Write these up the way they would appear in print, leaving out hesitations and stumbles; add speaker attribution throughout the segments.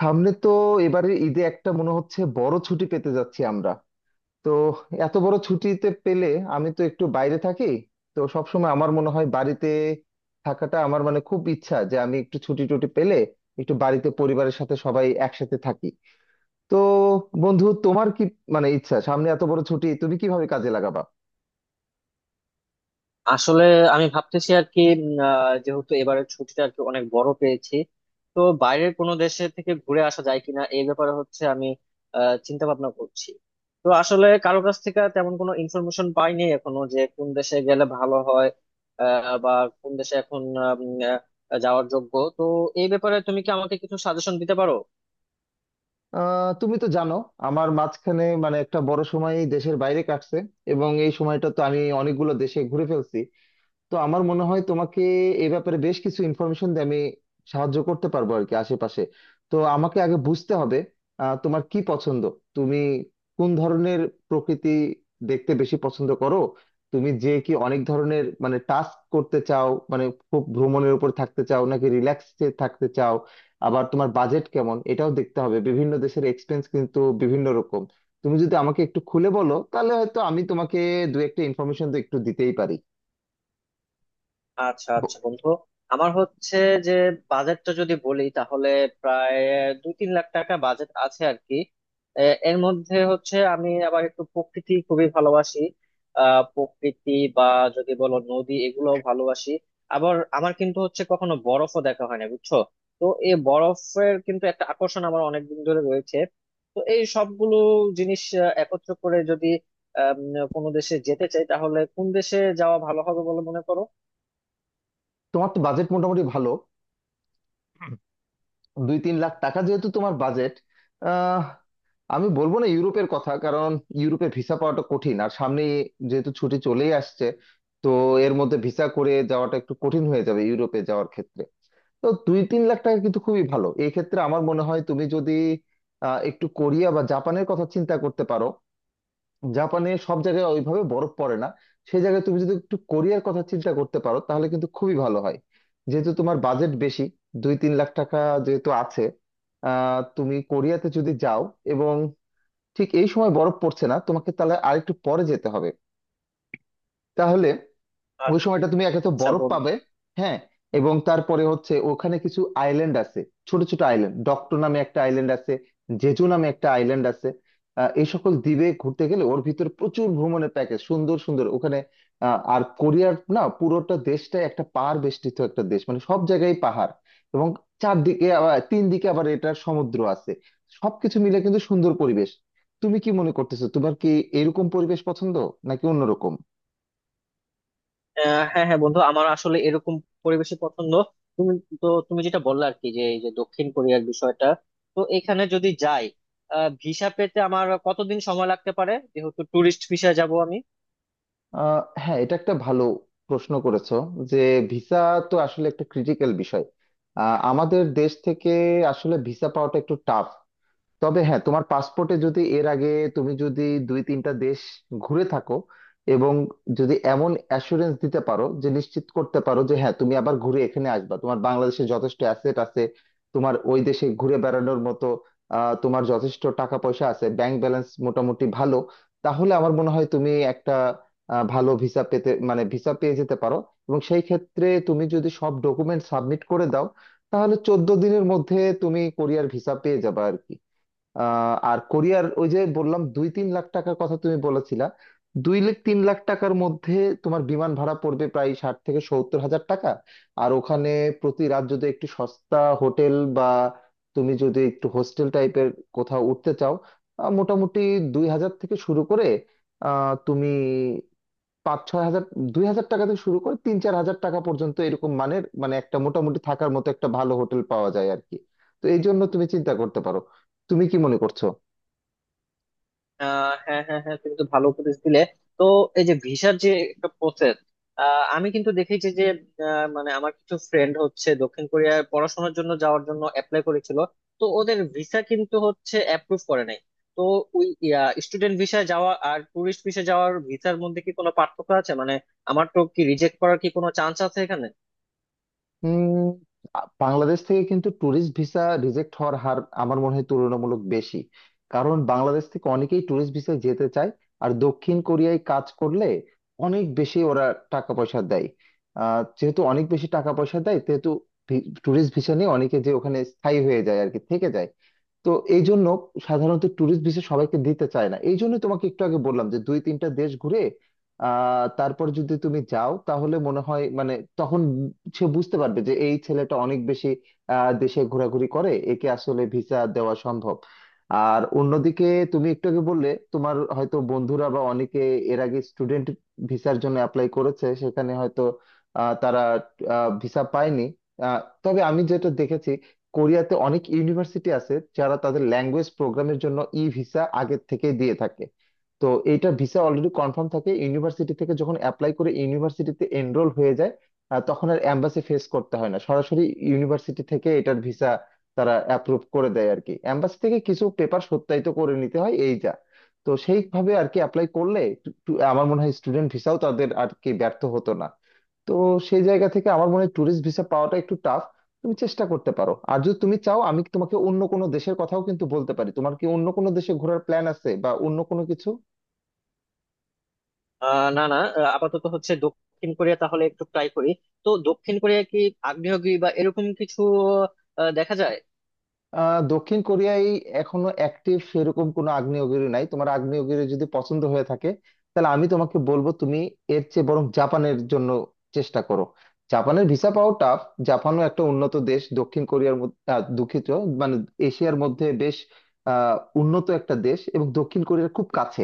Speaker 1: সামনে তো এবারে ঈদে একটা মনে হচ্ছে বড় ছুটি পেতে যাচ্ছি আমরা। তো এত বড় ছুটিতে পেলে আমি তো একটু বাইরে থাকি। তো সবসময় আমার মনে হয় বাড়িতে থাকাটা আমার মানে খুব ইচ্ছা যে আমি একটু ছুটি টুটি পেলে একটু বাড়িতে পরিবারের সাথে সবাই একসাথে থাকি। তো বন্ধু তোমার কি মানে ইচ্ছা সামনে এত বড় ছুটি তুমি কিভাবে কাজে লাগাবা?
Speaker 2: আসলে আমি ভাবতেছি আর কি যেহেতু এবারের ছুটিটা আর কি অনেক বড় পেয়েছি। তো বাইরের কোনো দেশে থেকে ঘুরে আসা যায় কিনা এই ব্যাপারে হচ্ছে আমি চিন্তা ভাবনা করছি। তো আসলে কারো কাছ থেকে তেমন কোনো ইনফরমেশন পাইনি এখনো যে কোন দেশে গেলে ভালো হয়, বা কোন দেশে এখন যাওয়ার যোগ্য। তো এই ব্যাপারে তুমি কি আমাকে কিছু সাজেশন দিতে পারো?
Speaker 1: তুমি তো জানো আমার মাঝখানে মানে একটা বড় সময় দেশের বাইরে কাটছে এবং এই সময়টা তো আমি অনেকগুলো দেশে ঘুরে ফেলছি। তো আমার মনে হয় তোমাকে এ ব্যাপারে বেশ কিছু ইনফরমেশন দিয়ে আমি সাহায্য করতে পারবো আর কি আশেপাশে। তো আমাকে আগে বুঝতে হবে তোমার কি পছন্দ, তুমি কোন ধরনের প্রকৃতি দেখতে বেশি পছন্দ করো, তুমি যে কি অনেক ধরনের মানে টাস্ক করতে চাও, মানে খুব ভ্রমণের উপর থাকতে চাও নাকি রিল্যাক্সে থাকতে চাও। আবার তোমার বাজেট কেমন এটাও দেখতে হবে, বিভিন্ন দেশের এক্সপেন্স কিন্তু বিভিন্ন রকম। তুমি যদি আমাকে একটু খুলে বলো তাহলে হয়তো আমি তোমাকে দু একটা ইনফরমেশন তো একটু দিতেই পারি।
Speaker 2: আচ্ছা আচ্ছা বন্ধু, আমার হচ্ছে যে বাজেটটা যদি বলি তাহলে প্রায় 2-3 লাখ টাকা বাজেট আছে আর কি। এ, এর মধ্যে হচ্ছে আমি আবার একটু প্রকৃতি খুবই ভালোবাসি। প্রকৃতি বা যদি বলো নদী এগুলো ভালোবাসি। আবার আমার কিন্তু হচ্ছে কখনো বরফও দেখা হয় না, বুঝছো? তো এই বরফের কিন্তু একটা আকর্ষণ আমার অনেকদিন ধরে রয়েছে। তো এই সবগুলো জিনিস একত্র করে যদি কোনো দেশে যেতে চাই তাহলে কোন দেশে যাওয়া ভালো হবে বলে মনে করো?
Speaker 1: তোমার তো বাজেট মোটামুটি ভালো, 2-3 লাখ টাকা যেহেতু তোমার বাজেট। আহ আমি বলবো না ইউরোপের কথা, কারণ ইউরোপে ভিসা পাওয়াটা কঠিন আর সামনে যেহেতু ছুটি চলেই আসছে, তো এর মধ্যে ভিসা করে যাওয়াটা একটু কঠিন হয়ে যাবে ইউরোপে যাওয়ার ক্ষেত্রে। তো 2-3 লাখ টাকা কিন্তু খুবই ভালো, এই ক্ষেত্রে আমার মনে হয় তুমি যদি একটু কোরিয়া বা জাপানের কথা চিন্তা করতে পারো। জাপানে সব জায়গায় ওইভাবে বরফ পড়ে না, সেই জায়গায় তুমি যদি একটু কোরিয়ার কথা চিন্তা করতে পারো তাহলে কিন্তু খুবই ভালো হয়। যেহেতু তোমার বাজেট বেশি, 2-3 লাখ টাকা যেহেতু আছে, তুমি কোরিয়াতে যদি যাও এবং ঠিক এই সময় বরফ পড়ছে না তোমাকে তাহলে আরেকটু পরে যেতে হবে, তাহলে ওই সময়টা তুমি একে তো
Speaker 2: আচ্ছা
Speaker 1: বরফ
Speaker 2: বন্ধু।
Speaker 1: পাবে। হ্যাঁ, এবং তারপরে হচ্ছে ওখানে কিছু আইল্যান্ড আছে, ছোট ছোট আইল্যান্ড, ডক্টর নামে একটা আইল্যান্ড আছে, জেজু নামে একটা আইল্যান্ড আছে। এই সকল দ্বীপে ঘুরতে গেলে ওর ভিতরে প্রচুর ভ্রমণের প্যাকেজ, সুন্দর সুন্দর ওখানে। আর কোরিয়ার না পুরোটা দেশটাই একটা পাহাড় বেষ্টিত একটা দেশ, মানে সব জায়গায় পাহাড় এবং চারদিকে আবার তিন দিকে আবার এটার সমুদ্র আছে, সবকিছু মিলে কিন্তু সুন্দর পরিবেশ। তুমি কি মনে করতেছো, তোমার কি এরকম পরিবেশ পছন্দ নাকি অন্যরকম?
Speaker 2: হ্যাঁ হ্যাঁ বন্ধু, আমার আসলে এরকম পরিবেশই পছন্দ। তুমি তো তুমি যেটা বললে আর কি যে এই যে দক্ষিণ কোরিয়ার বিষয়টা। তো এখানে যদি যাই, ভিসা পেতে আমার কতদিন সময় লাগতে পারে যেহেতু টুরিস্ট ভিসা যাব আমি?
Speaker 1: হ্যাঁ, এটা একটা ভালো প্রশ্ন করেছো যে ভিসা তো আসলে একটা ক্রিটিক্যাল বিষয়। আমাদের দেশ থেকে আসলে ভিসা পাওয়াটা একটু টাফ। তবে হ্যাঁ, তোমার পাসপোর্টে যদি এর আগে তুমি যদি 2-3টা দেশ ঘুরে থাকো এবং যদি এমন অ্যাসুরেন্স দিতে পারো, যে নিশ্চিত করতে পারো যে হ্যাঁ তুমি আবার ঘুরে এখানে আসবা, তোমার বাংলাদেশে যথেষ্ট অ্যাসেট আছে, তোমার ওই দেশে ঘুরে বেড়ানোর মতো তোমার যথেষ্ট টাকা পয়সা আছে, ব্যাংক ব্যালেন্স মোটামুটি ভালো, তাহলে আমার মনে হয় তুমি একটা ভালো ভিসা পেতে মানে ভিসা পেয়ে যেতে পারো। এবং সেই ক্ষেত্রে তুমি যদি সব ডকুমেন্ট সাবমিট করে দাও তাহলে 14 দিনের মধ্যে তুমি কোরিয়ার ভিসা পেয়ে যাবে আর কি। আর কোরিয়ার ওই যে বললাম দুই তিন লাখ টাকার কথা তুমি বলেছিলা, 2-3 লাখ টাকার মধ্যে তোমার বিমান ভাড়া পড়বে প্রায় 60-70 হাজার টাকা। আর ওখানে প্রতি রাত যদি একটু সস্তা হোটেল বা তুমি যদি একটু হোস্টেল টাইপের কোথাও উঠতে চাও, মোটামুটি 2000 থেকে শুরু করে তুমি 5-6 হাজার, দুই হাজার টাকা থেকে শুরু করে 3-4 হাজার টাকা পর্যন্ত এরকম মানের মানে একটা মোটামুটি থাকার মতো একটা ভালো হোটেল পাওয়া যায় আর কি। তো এই জন্য তুমি চিন্তা করতে পারো। তুমি কি মনে করছো?
Speaker 2: হ্যাঁ হ্যাঁ হ্যাঁ, তুমি তো ভালো উপদেশ দিলে। তো এই যে ভিসার যে একটা প্রসেস, আমি কিন্তু দেখেছি যে মানে আমার কিছু ফ্রেন্ড হচ্ছে দক্ষিণ কোরিয়ায় পড়াশোনার জন্য যাওয়ার জন্য অ্যাপ্লাই করেছিল। তো ওদের ভিসা কিন্তু হচ্ছে অ্যাপ্রুভ করে নাই। তো ওই স্টুডেন্ট ভিসা যাওয়া আর টুরিস্ট ভিসা যাওয়ার ভিসার মধ্যে কি কোনো পার্থক্য আছে, মানে আমার তো কি রিজেক্ট করার কি কোনো চান্স আছে এখানে?
Speaker 1: উম বাংলাদেশ থেকে কিন্তু ট্যুরিস্ট ভিসা রিজেক্ট হওয়ার হার আমার মনে হয় তুলনামূলক বেশি, কারণ বাংলাদেশ থেকে অনেকেই ট্যুরিস্ট ভিসায় যেতে চায় আর দক্ষিণ কোরিয়ায় কাজ করলে অনেক বেশি ওরা টাকা পয়সা দেয়। যেহেতু অনেক বেশি টাকা পয়সা দেয় সেহেতু ট্যুরিস্ট ভিসা নিয়ে অনেকে যে ওখানে স্থায়ী হয়ে যায় আর কি, থেকে যায়। তো এই জন্য সাধারণত ট্যুরিস্ট ভিসা সবাইকে দিতে চায় না, এই জন্য তোমাকে একটু আগে বললাম যে 2-3টা দেশ ঘুরে তারপর যদি তুমি যাও তাহলে মনে হয় মানে, তখন সে বুঝতে পারবে যে এই ছেলেটা অনেক বেশি দেশে ঘোরাঘুরি করে, একে আসলে ভিসা দেওয়া সম্ভব। আর অন্যদিকে তুমি একটু আগে বললে তোমার হয়তো বন্ধুরা বা অনেকে এর আগে স্টুডেন্ট ভিসার জন্য অ্যাপ্লাই করেছে, সেখানে হয়তো তারা ভিসা পায়নি। তবে আমি যেটা দেখেছি কোরিয়াতে অনেক ইউনিভার্সিটি আছে যারা তাদের ল্যাঙ্গুয়েজ প্রোগ্রামের জন্য ই ভিসা আগের থেকে দিয়ে থাকে। তো এইটা ভিসা অলরেডি কনফার্ম থাকে ইউনিভার্সিটি থেকে, যখন অ্যাপ্লাই করে ইউনিভার্সিটিতে এনরোল হয়ে যায় তখন আর এম্বাসি ফেস করতে হয় না, সরাসরি ইউনিভার্সিটি থেকে এটার ভিসা তারা অ্যাপ্রুভ করে দেয় আর কি। এম্বাসি থেকে কিছু পেপার সত্যায়িত করে নিতে হয় এই যা। তো সেইভাবে আর কি অ্যাপ্লাই করলে টু- টু- আমার মনে হয় স্টুডেন্ট ভিসাও তাদের আর কি ব্যর্থ হতো না। তো সেই জায়গা থেকে আমার মনে হয় ট্যুরিস্ট ভিসা তুমি চেষ্টা করতে পারো। আর যদি তুমি চাও আমি তোমাকে অন্য কোনো দেশের কথাও কিন্তু বলতে পারি, তোমার কি অন্য কোনো দেশে ঘোরার প্ল্যান আছে বা অন্য কোনো কিছু?
Speaker 2: না, না, আপাতত হচ্ছে দক্ষিণ কোরিয়া তাহলে একটু ট্রাই করি। তো দক্ষিণ কোরিয়া কি আগ্নেয়গিরি বা এরকম কিছু দেখা যায়?
Speaker 1: দক্ষিণ কোরিয়ায় এখনো অ্যাক্টিভ সেরকম কোনো আগ্নেয়গিরি নাই। তোমার আগ্নেয়গিরি যদি পছন্দ হয়ে থাকে তাহলে আমি তোমাকে বলবো তুমি এর চেয়ে বরং জাপানের জন্য চেষ্টা করো। জাপানের ভিসা পাওয়া টাফ। জাপানও একটা উন্নত দেশ দক্ষিণ কোরিয়ার মধ্যে, দুঃখিত, মানে এশিয়ার মধ্যে বেশ আহ উন্নত একটা দেশ এবং দক্ষিণ কোরিয়ার খুব কাছে।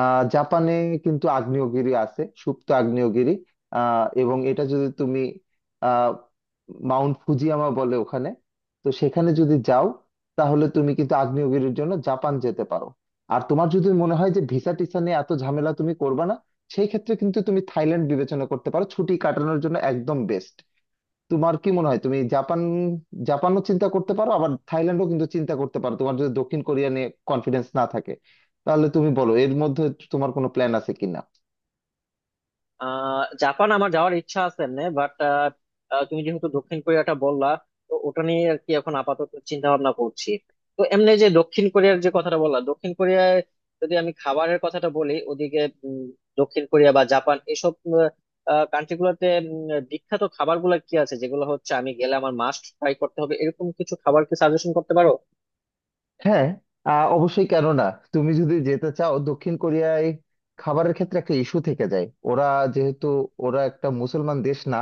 Speaker 1: জাপানে কিন্তু আগ্নেয়গিরি আছে, সুপ্ত আগ্নেয়গিরি। এবং এটা যদি তুমি আহ মাউন্ট ফুজিয়ামা বলে ওখানে। তো সেখানে যদি যাও তাহলে তুমি কিন্তু আগ্নেয়গিরির জন্য জাপান যেতে পারো। আর তোমার যদি মনে হয় যে ভিসা টিসা নিয়ে এত ঝামেলা তুমি করবে না, সেই ক্ষেত্রে কিন্তু তুমি থাইল্যান্ড বিবেচনা করতে পারো, ছুটি কাটানোর জন্য একদম বেস্ট। তোমার কি মনে হয় তুমি জাপান, জাপানও চিন্তা করতে পারো আবার থাইল্যান্ডও কিন্তু চিন্তা করতে পারো তোমার যদি দক্ষিণ কোরিয়া নিয়ে কনফিডেন্স না থাকে। তাহলে তুমি বলো এর মধ্যে তোমার কোনো প্ল্যান আছে কিনা?
Speaker 2: জাপান আমার যাওয়ার ইচ্ছা আছে এমনি, বাট তুমি যেহেতু দক্ষিণ কোরিয়াটা বললা, তো ওটা নিয়ে আর কি এখন আপাতত চিন্তা ভাবনা করছি। তো এমনি যে দক্ষিণ কোরিয়ার যে কথাটা বললা, দক্ষিণ কোরিয়ায় যদি আমি খাবারের কথাটা বলি ওদিকে, উম, দক্ষিণ কোরিয়া বা জাপান এসব কান্ট্রি গুলোতে বিখ্যাত খাবার গুলা কি আছে যেগুলো হচ্ছে আমি গেলে আমার মাস্ট ট্রাই করতে হবে, এরকম কিছু খাবার কি সাজেশন করতে পারো?
Speaker 1: হ্যাঁ, অবশ্যই, কেন না। তুমি যদি যেতে চাও দক্ষিণ কোরিয়ায় খাবারের ক্ষেত্রে একটা ইস্যু থেকে যায়, ওরা যেহেতু ওরা একটা মুসলমান দেশ না,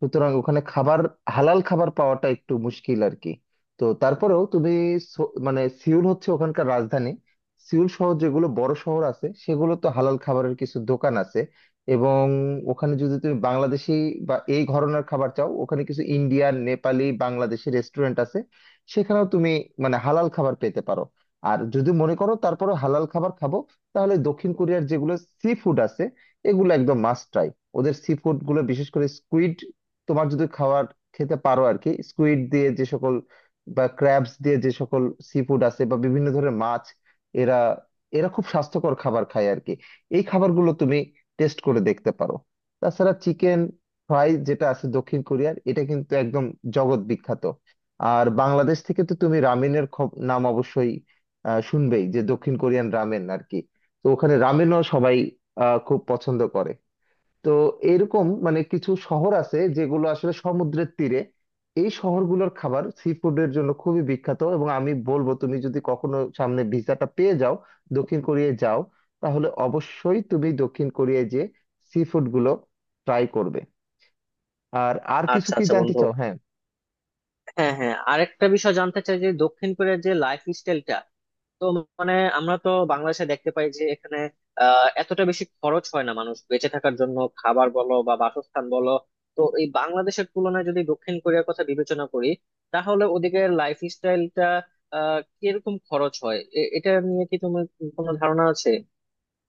Speaker 1: সুতরাং ওখানে খাবার হালাল খাবার পাওয়াটা একটু মুশকিল আর কি। তো তারপরেও তুমি মানে সিউল হচ্ছে ওখানকার রাজধানী, সিউল শহর যেগুলো বড় শহর আছে সেগুলো তো হালাল খাবারের কিছু দোকান আছে। এবং ওখানে যদি তুমি বাংলাদেশি বা এই ঘরনের খাবার চাও, ওখানে কিছু ইন্ডিয়ান নেপালি বাংলাদেশি রেস্টুরেন্ট আছে, সেখানেও তুমি মানে হালাল খাবার পেতে পারো। আর যদি মনে করো তারপরে হালাল খাবার খাবো, তাহলে দক্ষিণ কোরিয়ার যেগুলো সি ফুড আছে এগুলো একদম মাস্ট ট্রাই। ওদের সি ফুড গুলো বিশেষ করে স্কুইড, তোমার যদি খাবার খেতে পারো আর কি, স্কুইড দিয়ে যে সকল বা ক্র্যাবস দিয়ে যে সকল সি ফুড আছে বা বিভিন্ন ধরনের মাছ, এরা এরা খুব স্বাস্থ্যকর খাবার খায় আর কি। এই খাবারগুলো তুমি টেস্ট করে দেখতে পারো। তাছাড়া চিকেন ফ্রাই যেটা আছে দক্ষিণ কোরিয়ার, এটা কিন্তু একদম জগৎ বিখ্যাত। আর বাংলাদেশ থেকে তো তুমি রামেনের নাম অবশ্যই শুনবেই যে দক্ষিণ কোরিয়ান রামেন আর কি। তো ওখানে রামেনও সবাই খুব পছন্দ করে। তো এরকম মানে কিছু শহর আছে যেগুলো আসলে সমুদ্রের তীরে, এই শহরগুলোর খাবার সি ফুডের জন্য খুবই বিখ্যাত এবং আমি বলবো তুমি যদি কখনো সামনে ভিসাটা পেয়ে যাও দক্ষিণ কোরিয়ায় যাও, তাহলে অবশ্যই তুমি দক্ষিণ কোরিয়ায় যে সি ফুড গুলো ট্রাই করবে। আর আর কিছু
Speaker 2: আচ্ছা
Speaker 1: কি
Speaker 2: আচ্ছা
Speaker 1: জানতে
Speaker 2: বন্ধু,
Speaker 1: চাও? হ্যাঁ
Speaker 2: হ্যাঁ হ্যাঁ, আরেকটা বিষয় জানতে চাই যে দক্ষিণ কোরিয়ার যে লাইফ স্টাইলটা। তো মানে আমরা তো বাংলাদেশে দেখতে পাই যে এখানে এতটা বেশি খরচ হয় না মানুষ বেঁচে থাকার জন্য, খাবার বলো বা বাসস্থান বলো। তো এই বাংলাদেশের তুলনায় যদি দক্ষিণ কোরিয়ার কথা বিবেচনা করি তাহলে ওদিকে লাইফ স্টাইলটা কিরকম খরচ হয়, এটা নিয়ে কি তোমার কোনো ধারণা আছে?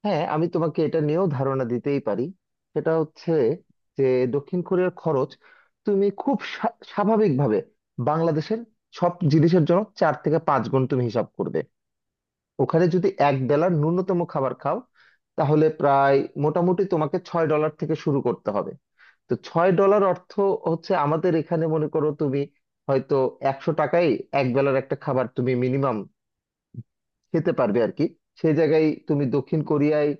Speaker 1: হ্যাঁ, আমি তোমাকে এটা নিয়েও ধারণা দিতেই পারি। সেটা হচ্ছে যে দক্ষিণ কোরিয়ার খরচ তুমি খুব স্বাভাবিকভাবে বাংলাদেশের সব জিনিসের জন্য 4-5 গুণ তুমি হিসাব করবে। ওখানে যদি এক বেলার ন্যূনতম খাবার খাও তাহলে প্রায় মোটামুটি তোমাকে $6 থেকে শুরু করতে হবে। তো $6 অর্থ হচ্ছে আমাদের এখানে মনে করো তুমি হয়তো 100 টাকায় এক বেলার একটা খাবার তুমি মিনিমাম খেতে পারবে আর কি। সেই জায়গায় তুমি দক্ষিণ কোরিয়ায়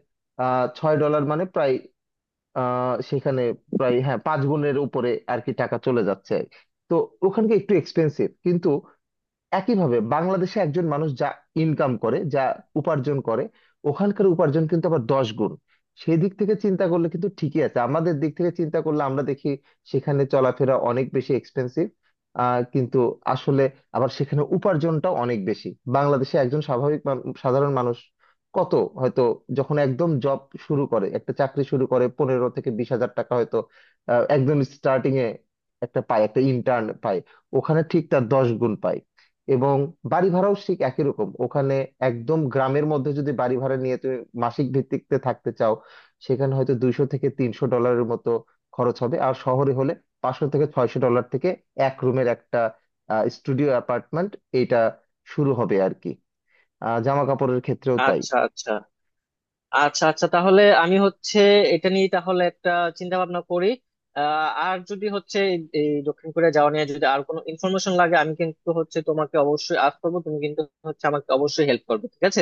Speaker 1: $6 মানে প্রায় সেখানে প্রায় হ্যাঁ 5 গুণের উপরে আর কি টাকা চলে যাচ্ছে। তো ওখানকে একটু এক্সপেন্সিভ, কিন্তু একইভাবে বাংলাদেশে একজন মানুষ যা ইনকাম করে, যা উপার্জন করে, ওখানকার উপার্জন কিন্তু আবার 10 গুণ। সেই দিক থেকে চিন্তা করলে কিন্তু ঠিকই আছে, আমাদের দিক থেকে চিন্তা করলে আমরা দেখি সেখানে চলাফেরা অনেক বেশি এক্সপেন্সিভ, কিন্তু আসলে আবার সেখানে উপার্জনটাও অনেক বেশি। বাংলাদেশে একজন স্বাভাবিক সাধারণ মানুষ কত হয়তো, যখন একদম জব শুরু করে, একটা চাকরি শুরু করে 15-20 হাজার টাকা হয়তো একদম স্টার্টিং এ একটা পায়, একটা ইন্টার্ন পায়। ওখানে ঠিক তার 10 গুণ পায়। এবং বাড়ি ভাড়াও ঠিক একই রকম, ওখানে একদম গ্রামের মধ্যে যদি বাড়ি ভাড়া নিয়ে তুমি মাসিক ভিত্তিতে থাকতে চাও সেখানে হয়তো $200-300 মতো খরচ হবে, আর শহরে হলে $500-600 থেকে এক রুমের একটা স্টুডিও অ্যাপার্টমেন্ট, এটা শুরু হবে আর কি। জামা কাপড়ের ক্ষেত্রেও তাই।
Speaker 2: আচ্ছা, আচ্ছা। আচ্ছা, আচ্ছা, তাহলে আমি হচ্ছে এটা নিয়ে তাহলে একটা চিন্তা ভাবনা করি। আর যদি হচ্ছে এই এই দক্ষিণ কোরিয়া যাওয়া নিয়ে যদি আর কোনো ইনফরমেশন লাগে, আমি কিন্তু হচ্ছে তোমাকে অবশ্যই আজ করবো। তুমি কিন্তু হচ্ছে আমাকে অবশ্যই হেল্প করবে, ঠিক আছে?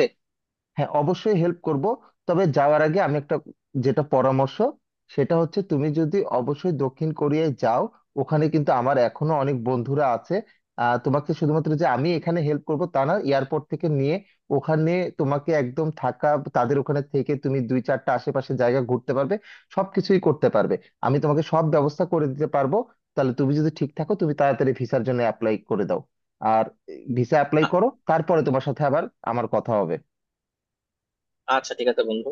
Speaker 1: হ্যাঁ অবশ্যই হেল্প করব। তবে যাওয়ার আগে আমি একটা যেটা পরামর্শ, সেটা হচ্ছে তুমি যদি অবশ্যই দক্ষিণ কোরিয়ায় যাও ওখানে কিন্তু আমার এখনো অনেক বন্ধুরা আছে। তোমাকে শুধুমাত্র যে আমি এখানে হেল্প করব তা না, এয়ারপোর্ট থেকে নিয়ে ওখানে তোমাকে একদম থাকা, তাদের ওখানে থেকে তুমি 2-4টা আশেপাশে জায়গা ঘুরতে পারবে, সবকিছুই করতে পারবে, আমি তোমাকে সব ব্যবস্থা করে দিতে পারবো। তাহলে তুমি যদি ঠিক থাকো তুমি তাড়াতাড়ি ভিসার জন্য অ্যাপ্লাই করে দাও। আর ভিসা অ্যাপ্লাই
Speaker 2: আ-
Speaker 1: করো, তারপরে তোমার সাথে আবার আমার কথা হবে।
Speaker 2: আচ্ছা, ঠিক আছে বন্ধু।